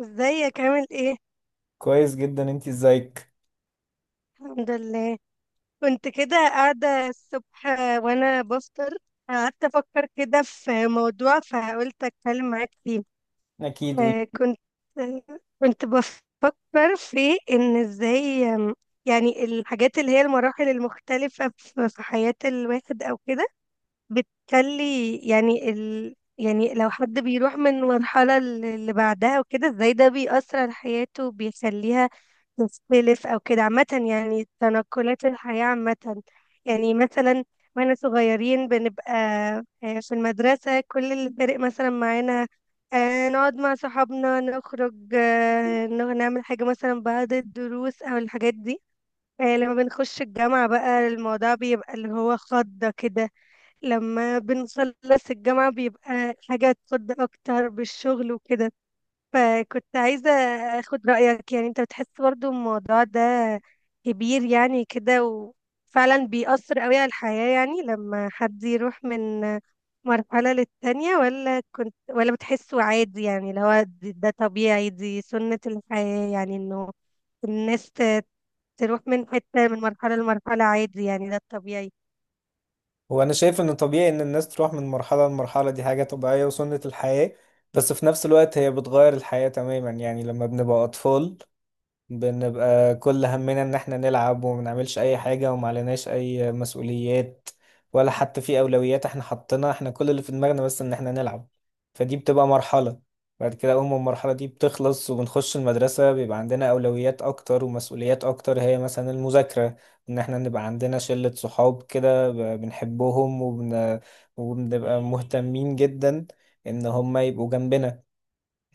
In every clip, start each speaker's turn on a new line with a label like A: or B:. A: ازيك عامل ايه؟
B: كويس جدا. انت ازيك؟
A: الحمد لله. كنت كده قاعدة الصبح وانا بفطر، قعدت افكر كده في موضوع فقلت اتكلم معاك فيه.
B: اكيد
A: آه، كنت بفكر في ان ازاي، يعني الحاجات اللي هي المراحل المختلفة في حياة الواحد او كده، بتخلي يعني يعني لو حد بيروح من مرحلة اللي بعدها وكده ازاي ده بيأثر على حياته وبيخليها تختلف أو كده. عامة يعني تنقلات الحياة عامة. يعني مثلا واحنا صغيرين بنبقى في المدرسة كل اللي فارق مثلا معانا نقعد مع صحابنا، نخرج، نعمل حاجة مثلا بعد الدروس أو الحاجات دي. لما بنخش الجامعة بقى الموضوع بيبقى اللي هو خضة كده. لما بنخلص الجامعة بيبقى حاجة تخض أكتر بالشغل وكده، فكنت عايزة أخد رأيك. يعني أنت بتحس برضو الموضوع ده كبير يعني كده، وفعلا بيأثر قوي على الحياة يعني لما حد يروح من مرحلة للتانية؟ ولا كنت ولا بتحسه عادي، يعني اللي هو ده طبيعي، دي سنة الحياة، يعني إنه الناس تروح من حتة من مرحلة لمرحلة عادي، يعني ده الطبيعي.
B: وانا شايف ان طبيعي ان الناس تروح من مرحله لمرحله، دي حاجه طبيعيه وسنه الحياه. بس في نفس الوقت هي بتغير الحياه تماما. يعني لما بنبقى اطفال بنبقى كل همنا ان احنا نلعب وما نعملش اي حاجة وما عليناش اي مسؤوليات، ولا حتى في اولويات احنا حطيناها، احنا كل اللي في دماغنا بس ان احنا نلعب. فدي بتبقى مرحلة. بعد كده اول ما المرحلة دي بتخلص وبنخش المدرسة بيبقى عندنا اولويات اكتر ومسؤوليات اكتر، هي مثلا المذاكرة، ان احنا نبقى عندنا شلة صحاب كده بنحبهم وبنبقى مهتمين جدا ان هم يبقوا جنبنا.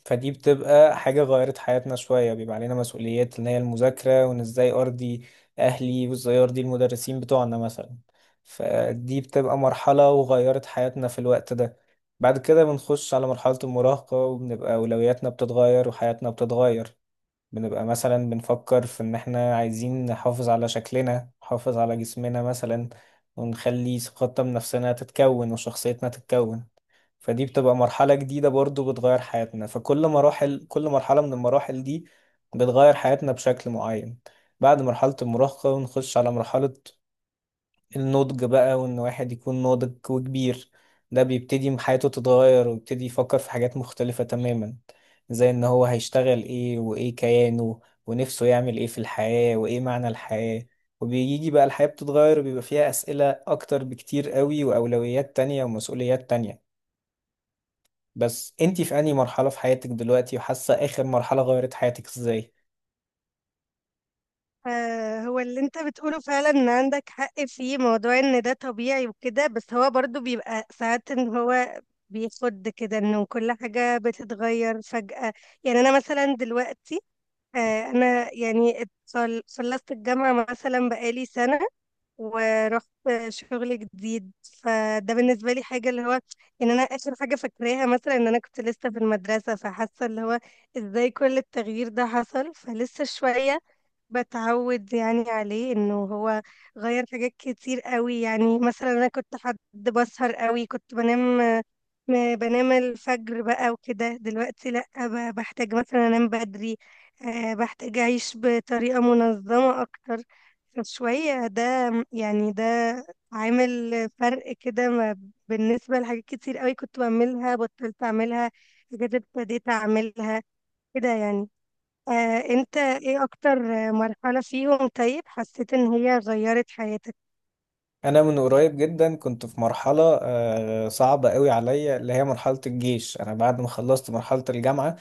B: فدي بتبقى حاجة غيرت حياتنا شوية، بيبقى علينا مسؤوليات اللي هي المذاكرة، وإن إزاي أرضي أهلي وإزاي أرضي المدرسين بتوعنا مثلا. فدي بتبقى مرحلة وغيرت حياتنا في الوقت ده. بعد كده بنخش على مرحلة المراهقة وبنبقى أولوياتنا بتتغير وحياتنا بتتغير. بنبقى مثلا بنفكر في إن إحنا عايزين نحافظ على شكلنا، نحافظ على جسمنا مثلا، ونخلي ثقتنا بنفسنا تتكون وشخصيتنا تتكون. فدي بتبقى مرحلة جديدة برضو بتغير حياتنا. فكل مراحل، كل مرحلة من المراحل دي بتغير حياتنا بشكل معين. بعد مرحلة المراهقة نخش على مرحلة النضج بقى، وإن واحد يكون ناضج وكبير، ده بيبتدي حياته تتغير ويبتدي يفكر في حاجات مختلفة تماما، زي إن هو هيشتغل إيه وإيه كيانه ونفسه يعمل إيه في الحياة وإيه معنى الحياة. وبيجي بقى الحياة بتتغير وبيبقى فيها أسئلة أكتر بكتير قوي، وأولويات تانية ومسؤوليات تانية. بس انتي في انهي مرحلة في حياتك دلوقتي، وحاسة اخر مرحلة غيرت حياتك ازاي؟
A: آه، هو اللي انت بتقوله فعلا ان عندك حق فيه. موضوع ان ده طبيعي وكده بس هو برضو بيبقى ساعات ان هو بيخد كده انه كل حاجة بتتغير فجأة. يعني انا مثلا دلوقتي، انا يعني خلصت الجامعة مثلا بقالي سنة، ورحت شغل جديد، فده بالنسبة لي حاجة اللي هو ان انا اخر حاجة فاكراها مثلا ان انا كنت لسه في المدرسة، فحاسة اللي هو ازاي كل التغيير ده حصل. فلسه شوية بتعود يعني عليه انه هو غير حاجات كتير قوي. يعني مثلا انا كنت حد بسهر قوي، كنت بنام، بنام الفجر بقى وكده، دلوقتي لا، بحتاج مثلا انام بدري. بحتاج اعيش بطريقة منظمة اكتر شوية. ده يعني ده عامل فرق كده. بالنسبة لحاجات كتير قوي كنت بعملها بطلت اعملها، حاجات ابتديت اعملها كده يعني. آه، انت ايه اكتر مرحلة فيهم طيب حسيت ان هي غيرت حياتك؟
B: انا من قريب جدا كنت في مرحله صعبه قوي عليا، اللي هي مرحله الجيش. انا بعد ما خلصت مرحله الجامعه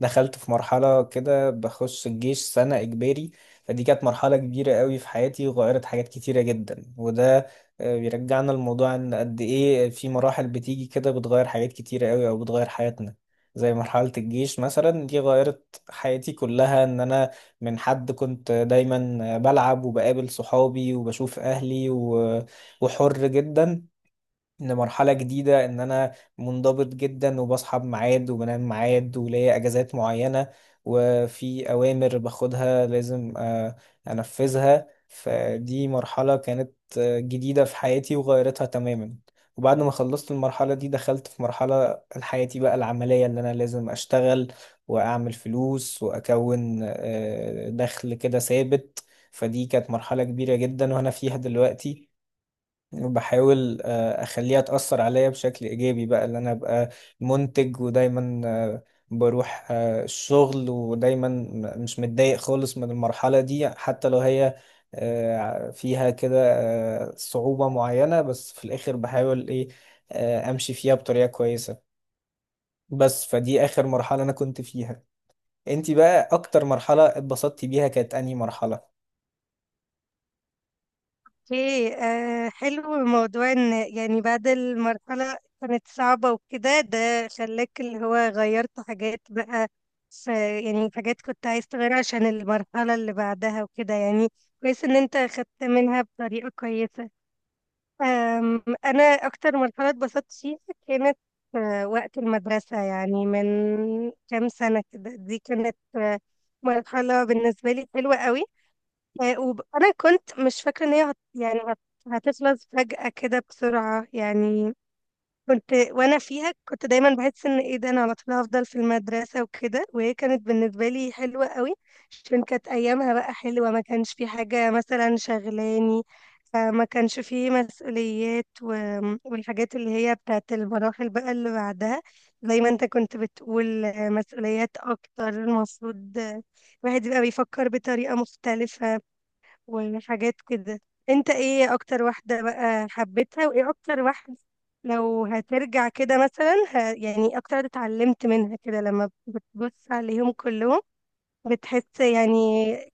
B: دخلت في مرحله كده بخش الجيش سنه اجباري. فدي كانت مرحله كبيره قوي في حياتي وغيرت حاجات كتيره جدا. وده بيرجعنا لموضوع ان قد ايه في مراحل بتيجي كده بتغير حاجات كتيره قوي او بتغير حياتنا، زي مرحلة الجيش مثلا. دي غيرت حياتي كلها، ان انا من حد كنت دايما بلعب وبقابل صحابي وبشوف اهلي وحر جدا، لمرحلة جديدة إن أنا منضبط جدا وبصحى بميعاد وبنام بميعاد وليا أجازات معينة، وفي أوامر باخدها لازم أنفذها. فدي مرحلة كانت جديدة في حياتي وغيرتها تماما. وبعد ما خلصت المرحلة دي دخلت في مرحلة حياتي بقى العملية، اللي أنا لازم أشتغل وأعمل فلوس وأكون دخل كده ثابت. فدي كانت مرحلة كبيرة جدا وأنا فيها دلوقتي. بحاول اخليها تأثر عليا بشكل ايجابي بقى، اللي انا ابقى منتج ودايما بروح الشغل ودايما مش متضايق خالص من المرحلة دي، حتى لو هي فيها كده صعوبة معينة، بس في الاخر بحاول ايه، امشي فيها بطريقة كويسة. بس فدي اخر مرحلة انا كنت فيها. انتي بقى اكتر مرحلة اتبسطتي بيها كانت انهي مرحلة؟
A: ايه، آه، حلو موضوع ان، يعني بعد المرحلة كانت صعبة وكده، ده خلاك اللي هو غيرت حاجات بقى، ف يعني حاجات كنت عايز تغيرها عشان المرحلة اللي بعدها وكده. يعني كويس ان انت خدت منها بطريقة كويسة. أنا أكتر مرحلة اتبسطت فيها كانت وقت المدرسة، يعني من كام سنة كده. دي كانت مرحلة بالنسبة لي حلوة قوي. وأنا كنت مش فاكرة إن هي يعني هتخلص فجأة كده بسرعة يعني. كنت وانا فيها كنت دايما بحس ان ايه ده، انا على طول هفضل في المدرسه وكده، وهي كانت بالنسبه لي حلوه قوي عشان كانت ايامها بقى حلوه، ما كانش في حاجه مثلا شغلاني. ما كانش في مسؤوليات، والحاجات اللي هي بتاعت المراحل بقى اللي بعدها، زي ما انت كنت بتقول مسؤوليات اكتر المفروض، الواحد يبقى بيفكر بطريقه مختلفه وحاجات كده. انت ايه اكتر واحدة بقى حبيتها، وايه اكتر واحدة لو هترجع كده مثلا، يعني اكتر واحدة اتعلمت منها كده لما بتبص عليهم كلهم، بتحس يعني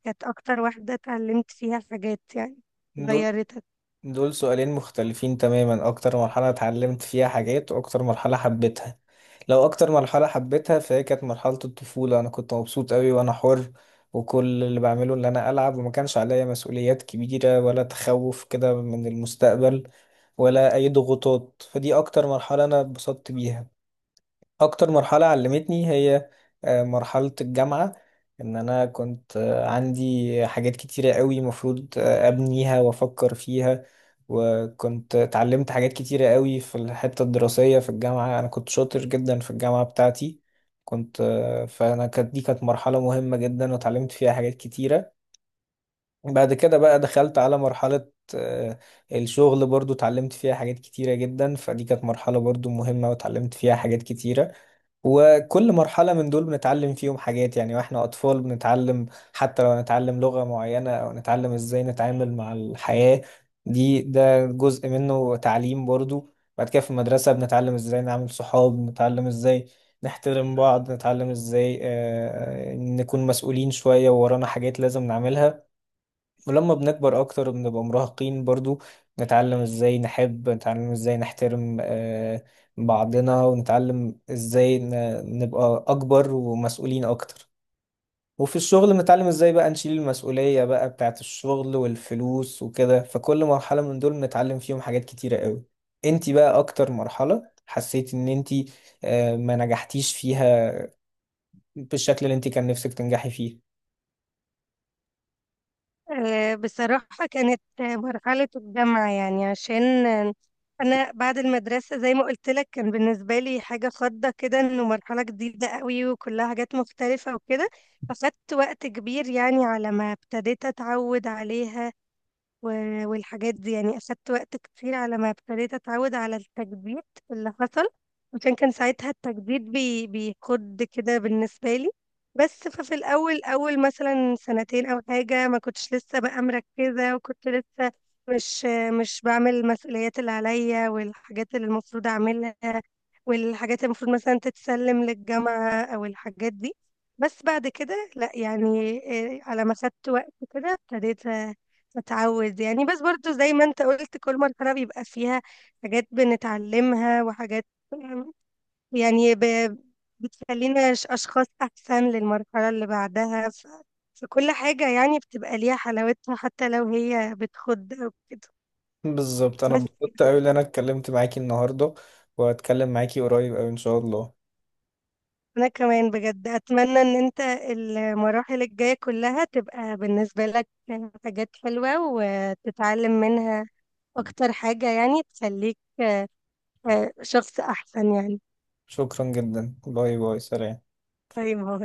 A: كانت اكتر واحدة اتعلمت فيها حاجات يعني
B: دول،
A: غيرتك؟
B: دول سؤالين مختلفين تماما، اكتر مرحلة اتعلمت فيها حاجات واكتر مرحلة حبيتها. لو اكتر مرحلة حبيتها فهي كانت مرحلة الطفولة. انا كنت مبسوط قوي وانا حر، وكل اللي بعمله ان انا العب، وما كانش عليا مسؤوليات كبيرة ولا تخوف كده من المستقبل ولا اي ضغوطات. فدي اكتر مرحلة انا اتبسطت بيها. اكتر مرحلة علمتني هي مرحلة الجامعة. ان انا كنت عندي حاجات كتيرة قوي مفروض ابنيها وافكر فيها. وكنت اتعلمت حاجات كتيرة قوي في الحتة الدراسية في الجامعة، انا كنت شاطر جدا في الجامعة بتاعتي. كنت فانا كانت، دي كانت مرحلة مهمة جدا واتعلمت فيها حاجات كتيرة. بعد كده بقى دخلت على مرحلة الشغل، برضو اتعلمت فيها حاجات كتيرة جدا. فدي كانت مرحلة برضو مهمة واتعلمت فيها حاجات كتيرة. وكل مرحلة من دول بنتعلم فيهم حاجات. يعني واحنا أطفال بنتعلم، حتى لو نتعلم لغة معينة أو نتعلم ازاي نتعامل مع الحياة، دي ده جزء منه تعليم برضو. بعد كده في المدرسة بنتعلم ازاي نعمل صحاب، بنتعلم ازاي نحترم بعض، نتعلم ازاي نكون مسؤولين شوية وورانا حاجات لازم نعملها. ولما بنكبر اكتر بنبقى مراهقين برضو، نتعلم ازاي نحب، نتعلم ازاي نحترم بعضنا، ونتعلم ازاي نبقى اكبر ومسؤولين اكتر. وفي الشغل بنتعلم ازاي بقى نشيل المسؤولية بقى بتاعت الشغل والفلوس وكده. فكل مرحلة من دول بنتعلم فيهم حاجات كتيرة قوي. انتي بقى اكتر مرحلة حسيت ان انتي ما نجحتيش فيها بالشكل اللي انتي كان نفسك تنجحي فيه؟
A: آه، بصراحة كانت مرحلة الجامعة، يعني عشان أنا بعد المدرسة زي ما قلت لك كان بالنسبة لي حاجة خضة كده، إنه مرحلة جديدة قوي وكلها حاجات مختلفة وكده، فخدت وقت كبير يعني على ما ابتديت أتعود عليها. والحاجات دي يعني أخدت وقت كتير على ما ابتديت أتعود على التجديد اللي حصل، عشان كان ساعتها التجديد بيخد كده بالنسبة لي. بس ففي الأول، أول مثلا سنتين أو حاجة، ما كنتش لسه بقى مركزة، وكنت لسه مش مش بعمل المسؤوليات اللي عليا والحاجات اللي المفروض أعملها، والحاجات اللي المفروض مثلا تتسلم للجامعة أو الحاجات دي. بس بعد كده لا، يعني إيه، على ما خدت وقت كده ابتديت اتعود يعني. بس برضو زي ما انت قلت كل مرحلة بيبقى فيها حاجات بنتعلمها وحاجات، أم، يعني بتخلينا أشخاص أحسن للمرحلة اللي بعدها. فكل حاجة يعني بتبقى ليها حلاوتها حتى لو هي بتخد أو كده.
B: بالظبط. انا
A: بس
B: انبسطت قوي ان انا اتكلمت معاكي النهارده، وهتكلم معاكي قريب قوي ان شاء الله.
A: أنا كمان بجد أتمنى إن أنت المراحل الجاية كلها تبقى بالنسبة لك حاجات حلوة وتتعلم منها أكتر حاجة، يعني تخليك شخص أحسن يعني.
B: شكرا جدا، باي باي، سلام.
A: اي ما هو